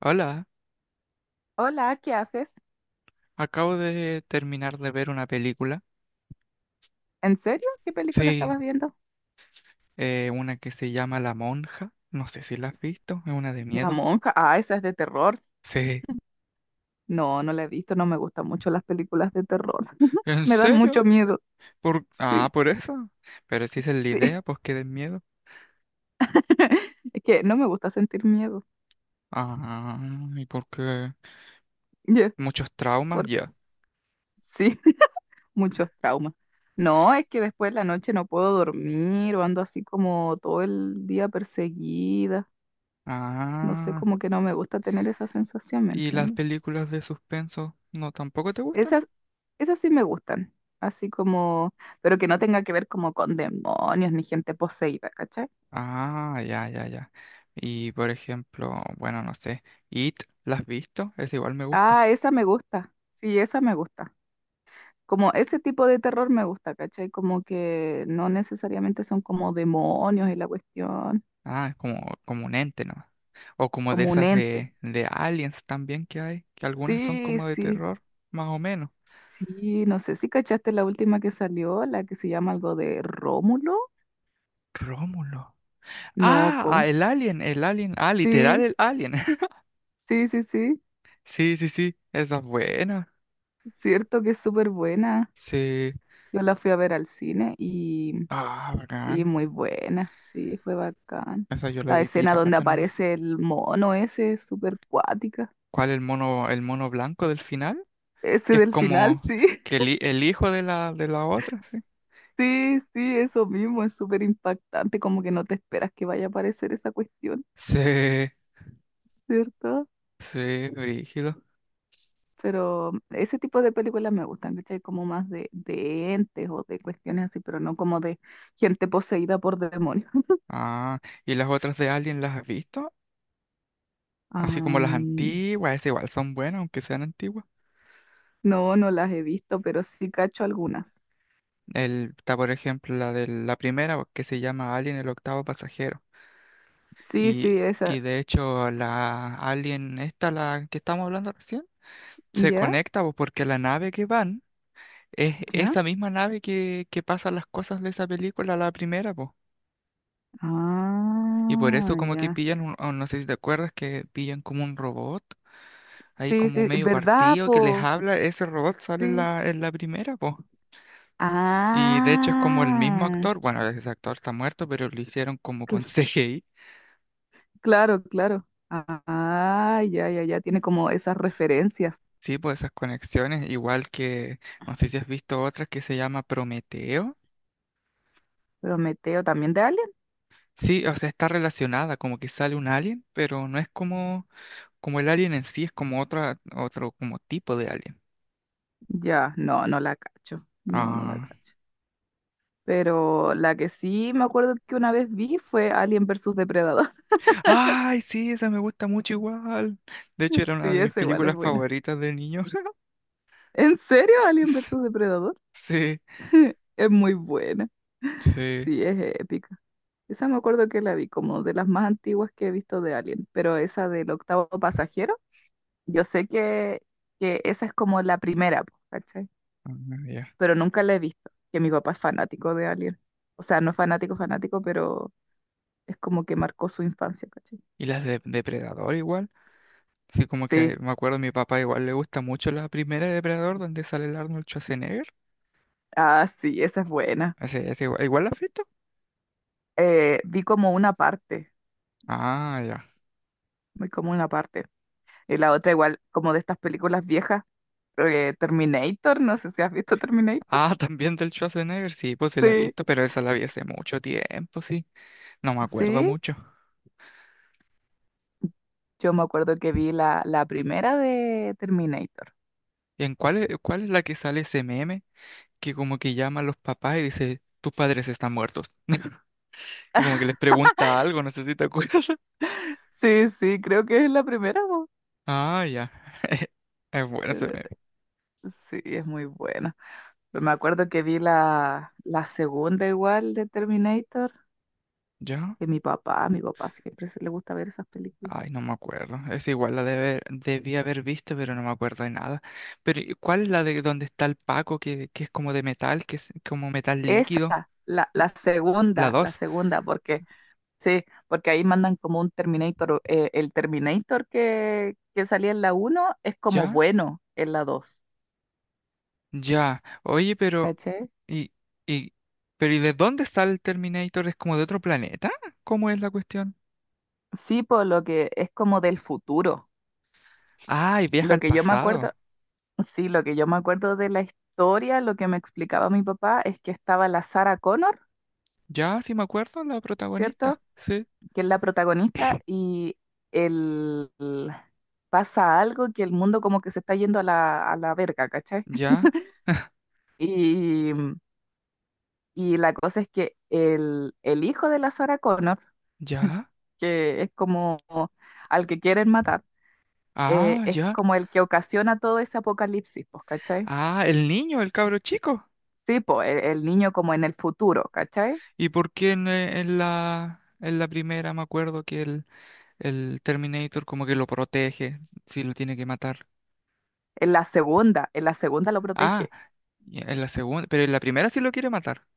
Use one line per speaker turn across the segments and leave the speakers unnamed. Hola,
Hola, ¿qué haces?
acabo de terminar de ver una película.
¿En serio? ¿Qué película
Sí,
estabas viendo?
una que se llama La Monja. No sé si la has visto, es una de
La
miedo.
Monja. Ah, esa es de terror.
Sí.
No, no la he visto, no me gustan mucho las películas de terror.
¿En
Me dan mucho
serio?
miedo.
Ah,
Sí,
por eso. Pero si esa es la
sí.
idea, pues que den miedo.
Es que no me gusta sentir miedo.
Ah, ¿y por qué?
Ya,
Muchos traumas,
por...
ya.
Sí, muchos traumas. No, es que después de la noche no puedo dormir o ando así como todo el día perseguida. No sé,
Ah,
como que no me gusta tener esa sensación, ¿me
¿y las
entiendes?
películas de suspenso no tampoco te gustan?
Esas, esas sí me gustan. Así como, pero que no tenga que ver como con demonios ni gente poseída, ¿cachai?
Ah, ya, ya, ya. Y por ejemplo, bueno, no sé, It, ¿la has visto? Es igual me gusta.
Ah, esa me gusta. Sí, esa me gusta. Como ese tipo de terror me gusta, ¿cachai? Como que no necesariamente son como demonios y la cuestión,
Ah, es como, como un ente, ¿no? O como de
como un
esas
ente.
de aliens también que hay, que algunas son
Sí,
como de
sí.
terror, más o menos.
Sí, no sé si cachaste la última que salió, la que se llama algo de Rómulo.
Rómulo.
No,
Ah, ah,
¿cómo?
el alien, el alien. Ah, literal
Sí,
el alien.
sí, sí, sí.
Sí, sí, sí. Esa es buena.
Cierto que es súper buena.
Sí.
Yo la fui a ver al cine
Ah,
y
bacán.
muy buena, sí, fue bacán.
Esa yo la
La
vi
escena donde
pirata nomás.
aparece el mono ese es súper cuática.
¿Cuál el mono blanco del final?
Ese
Que es
del final,
como
sí,
que el hijo de la otra, sí.
sí, sí, eso mismo, es súper impactante, como que no te esperas que vaya a aparecer esa cuestión,
Sí,
¿cierto?
sí, brígido.
Pero ese tipo de películas me gustan, ¿cachai? Como más de entes o de cuestiones así, pero no como de gente poseída por demonios.
Ah, ¿y las otras de Alien las has visto? Así como las
Am,
antiguas, esas igual son buenas, aunque sean antiguas.
no, no las he visto, pero sí cacho algunas.
Está, por ejemplo, la de la primera, que se llama Alien el octavo pasajero.
Sí, sí,
Y,
esa.
y de hecho, la Alien, esta, la que estamos hablando recién, se
¿Ya?
conecta pues, porque la nave que van es
¿Ya?
esa misma nave que pasa las cosas de esa película, la primera, pues. Y por eso
Ah,
como que
ya.
pillan, un, o no sé si te acuerdas, que pillan como un robot, ahí
Sí,
como
sí,
medio
¿verdad,
partido que les
po?
habla, ese robot sale
Sí,
en la primera, pues. Y de hecho es como el mismo
ah,
actor, bueno, ese actor está muerto, pero lo hicieron como con
cl-
CGI,
claro, claro. Ah, ya, ya, ya. Tiene como esas referencias.
sí, pues esas conexiones, igual que, no sé si has visto otra que se llama Prometeo,
Prometeo también de Alien.
sí, o sea, está relacionada, como que sale un alien, pero no es como, como el alien en sí, es como otra, otro como tipo de alien.
Ya, no, no la cacho. No, no la
Ah.
cacho. Pero la que sí me acuerdo que una vez vi fue Alien versus Depredador.
Ay, sí, esa me gusta mucho igual. De hecho, era una
Sí,
de mis
esa igual es
películas
buena.
favoritas de niño.
¿En serio, Alien versus Depredador?
Sí,
Es muy buena.
sí.
Sí, es épica. Esa me acuerdo que la vi como de las más antiguas que he visto de Alien, pero esa del octavo pasajero, yo sé que esa es como la primera, po, ¿cachai?
Ah, ya.
Pero nunca la he visto, que mi papá es fanático de Alien. O sea, no es fanático, fanático, pero es como que marcó su infancia, ¿cachai?
Y las de Depredador igual. Sí, como
Sí,
que me acuerdo, mi papá igual le gusta mucho la primera de Depredador donde sale el Arnold Schwarzenegger.
ah, sí, esa es buena.
Ese igual, ¿igual la has visto?
Vi como una parte,
Ah, ya.
vi como una parte. Y la otra igual, como de estas películas viejas, Terminator, no sé si has visto Terminator.
Ah, también del Schwarzenegger, sí, pues sí la he
Sí,
visto, pero esa la vi hace mucho tiempo, sí. No me acuerdo
sí,
mucho.
yo me acuerdo que vi la, la primera de Terminator.
¿Y en cuál es la que sale ese meme que como que llama a los papás y dice, tus padres están muertos? Y como que les pregunta algo, no sé si te acuerdas.
Sí, sí, creo que es la primera, po.
Ah, ya. Es bueno ese
Eh,
meme.
Sí, es muy buena. Pero me acuerdo que vi la, la segunda igual de Terminator,
¿Ya?
que mi papá, a mi papá siempre se le gusta ver esas películas.
Ay, no me acuerdo. Es igual, la debe, debí haber visto, pero no me acuerdo de nada. Pero, ¿cuál es la de donde está el Paco, que es como de metal, que es como metal
Esa,
líquido?
la,
L- La
la
dos.
segunda, porque sí, porque ahí mandan como un Terminator. El Terminator que salía en la uno es como
¿Ya?
bueno en la dos.
Ya. Oye,
¿Caché?
¿y, y, ¿y de dónde está el Terminator? ¿Es como de otro planeta? ¿Cómo es la cuestión?
Sí, por lo que es como del futuro.
Ay, viaja
Lo
al
que yo me acuerdo,
pasado.
sí, lo que yo me acuerdo de la historia, lo que me explicaba mi papá es que estaba la Sarah Connor,
Ya, sí me acuerdo, la protagonista.
¿cierto?
Sí.
Que es la protagonista y el, pasa algo que el mundo como que se está yendo a la verga, ¿cachai?
Ya,
Y y la cosa es que el hijo de la Sarah Connor,
ya.
que es como al que quieren matar,
Ah,
es
ya.
como el que ocasiona todo ese apocalipsis, pues, ¿cachai?
Ah, el niño, el cabro chico.
Sí, pues, el niño como en el futuro, ¿cachai?
¿Y por qué en la primera me acuerdo el Terminator como que lo protege si lo tiene que matar?
En la segunda lo
Ah,
protege.
y en la segunda, pero en la primera sí lo quiere matar.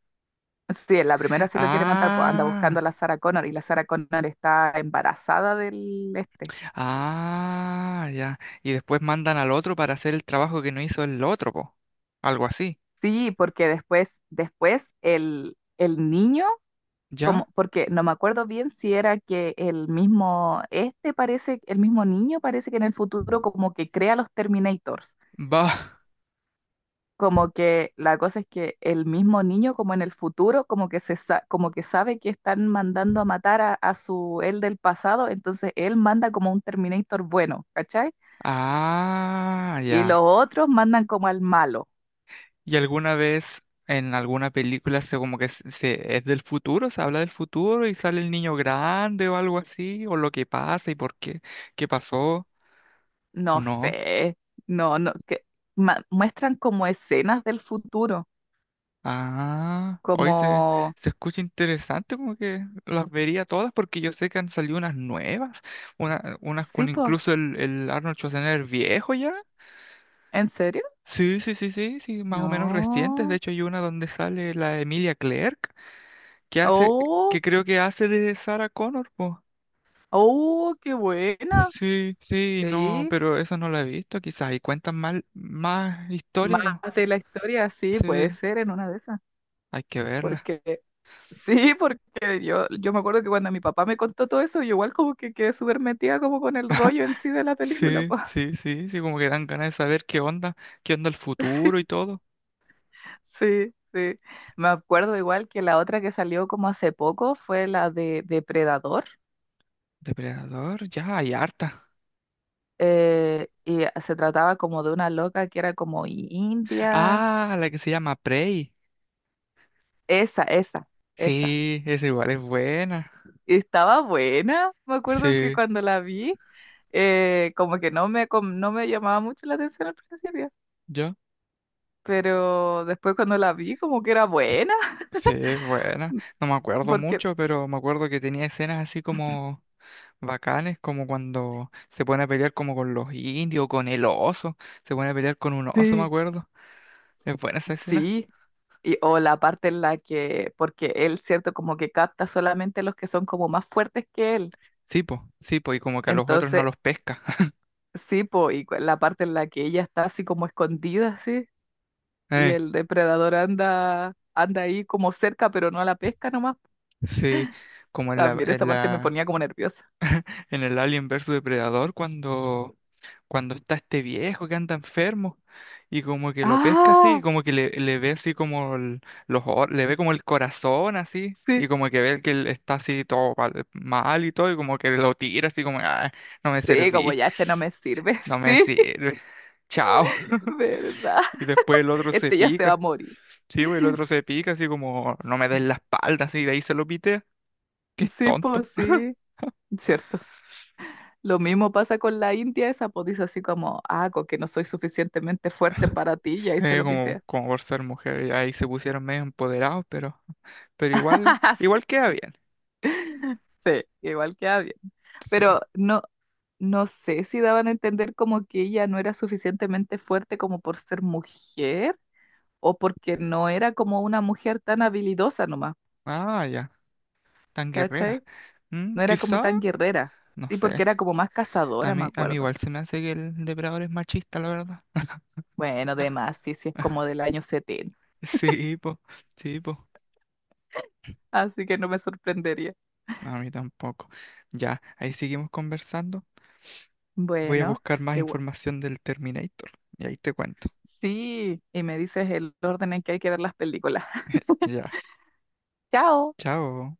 Sí, en la primera sí lo quiere matar, pues anda buscando
Ah,
a la Sarah Connor y la Sarah Connor está embarazada del este.
ah, ya. Y después mandan al otro para hacer el trabajo que no hizo el otro, po. Algo así.
Sí, porque después, después el niño como,
¿Ya?
porque no me acuerdo bien si era que el mismo, este parece, el mismo niño parece que en el futuro como que crea los Terminators.
Va.
Como que la cosa es que el mismo niño como en el futuro como que se como que sabe que están mandando a matar a su él del pasado, entonces él manda como un Terminator bueno, ¿cachai?
Ah,
Y los
ya.
otros mandan como al malo.
¿Y alguna vez en alguna película se como que es del futuro, se habla del futuro y sale el niño grande o algo así, o lo que pasa y por qué, qué pasó o
No
no?
sé, no, no, que muestran como escenas del futuro,
Ah,
como,
se escucha interesante, como que las vería todas porque yo sé que han salido unas nuevas, unas
sí,
con
po,
incluso el Arnold Schwarzenegger viejo ya.
¿en serio?
Sí, sí, sí, sí, sí, más o menos recientes. De
No.
hecho, hay una donde sale la Emilia Clarke que hace, que
Oh,
creo que hace de Sarah Connor, pues.
oh, qué buena.
Sí, sí, no,
Sí,
pero eso no lo he visto, quizás. Y cuentan mal, más historia,
más
pues.
de la historia, sí, puede
Sí,
ser en una de esas.
hay que verla.
Porque, sí, porque yo me acuerdo que cuando mi papá me contó todo eso, yo igual como que quedé súper metida como con el rollo en sí de la película,
Sí,
pues.
sí, sí, sí, como que dan ganas de saber qué onda el futuro y todo.
Sí, sí. Me acuerdo igual que la otra que salió como hace poco fue la de Depredador.
Depredador, ya hay harta.
Y se trataba como de una loca que era como india.
Ah, la que se llama Prey.
Esa, esa, esa.
Sí, esa igual es buena.
Estaba buena, me acuerdo que
Sí,
cuando la vi, como que no no me llamaba mucho la atención al principio,
¿yo?
pero después cuando la vi, como que era buena.
Sí, es buena. No me acuerdo
Porque
mucho, pero me acuerdo que tenía escenas así como bacanes, como cuando se pone a pelear como con los indios, con el oso, se pone a pelear con un oso, me
sí,
acuerdo. Es buena esa escena.
sí, y, o la parte en la que, porque él, cierto, como que capta solamente los que son como más fuertes que él,
Sí, po, y como que a los otros no
entonces,
los pesca.
sí, po, y la parte en la que ella está así como escondida, así, y
Eh,
el depredador anda, anda ahí como cerca, pero no la pesca nomás,
sí, como en la,
también esa
en
parte me
la,
ponía como nerviosa.
en el Alien versus Depredador, cuando está este viejo que anda enfermo, y como que lo pesca así, y
Ah,
como que le ve así como le ve como el corazón así.
sí,
Y como que ve que él está así todo mal mal y todo, y como que lo tira así como, ah, no me
sí, como
serví.
ya este no me sirve,
No me
sí,
sirve. Chao.
¿verdad?
Y después el otro se
Este ya se va a
pica.
morir.
Sí, güey, el otro se pica, así como, no me des la espalda, así, de ahí se lo pite. Que es
Sí,
tonto.
pues sí, cierto. Lo mismo pasa con la India, esa pues dice así como, ah, con que no soy suficientemente fuerte para ti, y ahí se lo
Como,
pitea.
como por ser mujer, y ahí se pusieron medio empoderados, pero igual,
Sí,
igual queda bien.
sí, igual queda bien.
Sí.
Pero no, no sé si daban a entender como que ella no era suficientemente fuerte como por ser mujer, o porque no era como una mujer tan habilidosa nomás,
Ah, ya, tan guerrera.
¿cachai?
Mm,
No era como
quizá,
tan guerrera.
no
Sí, porque
sé.
era como más cazadora, me
A mí
acuerdo.
igual se me hace que el depredador es machista, la verdad.
Bueno, de más, sí, sí, es como del año 70.
Sí, po, sí, po.
Así que no me sorprendería.
No, a mí tampoco. Ya, ahí seguimos conversando. Voy a
Bueno,
buscar más
igua-
información del Terminator y ahí te cuento.
sí, y me dices el orden en que hay que ver las películas.
Ya,
Chao.
chao.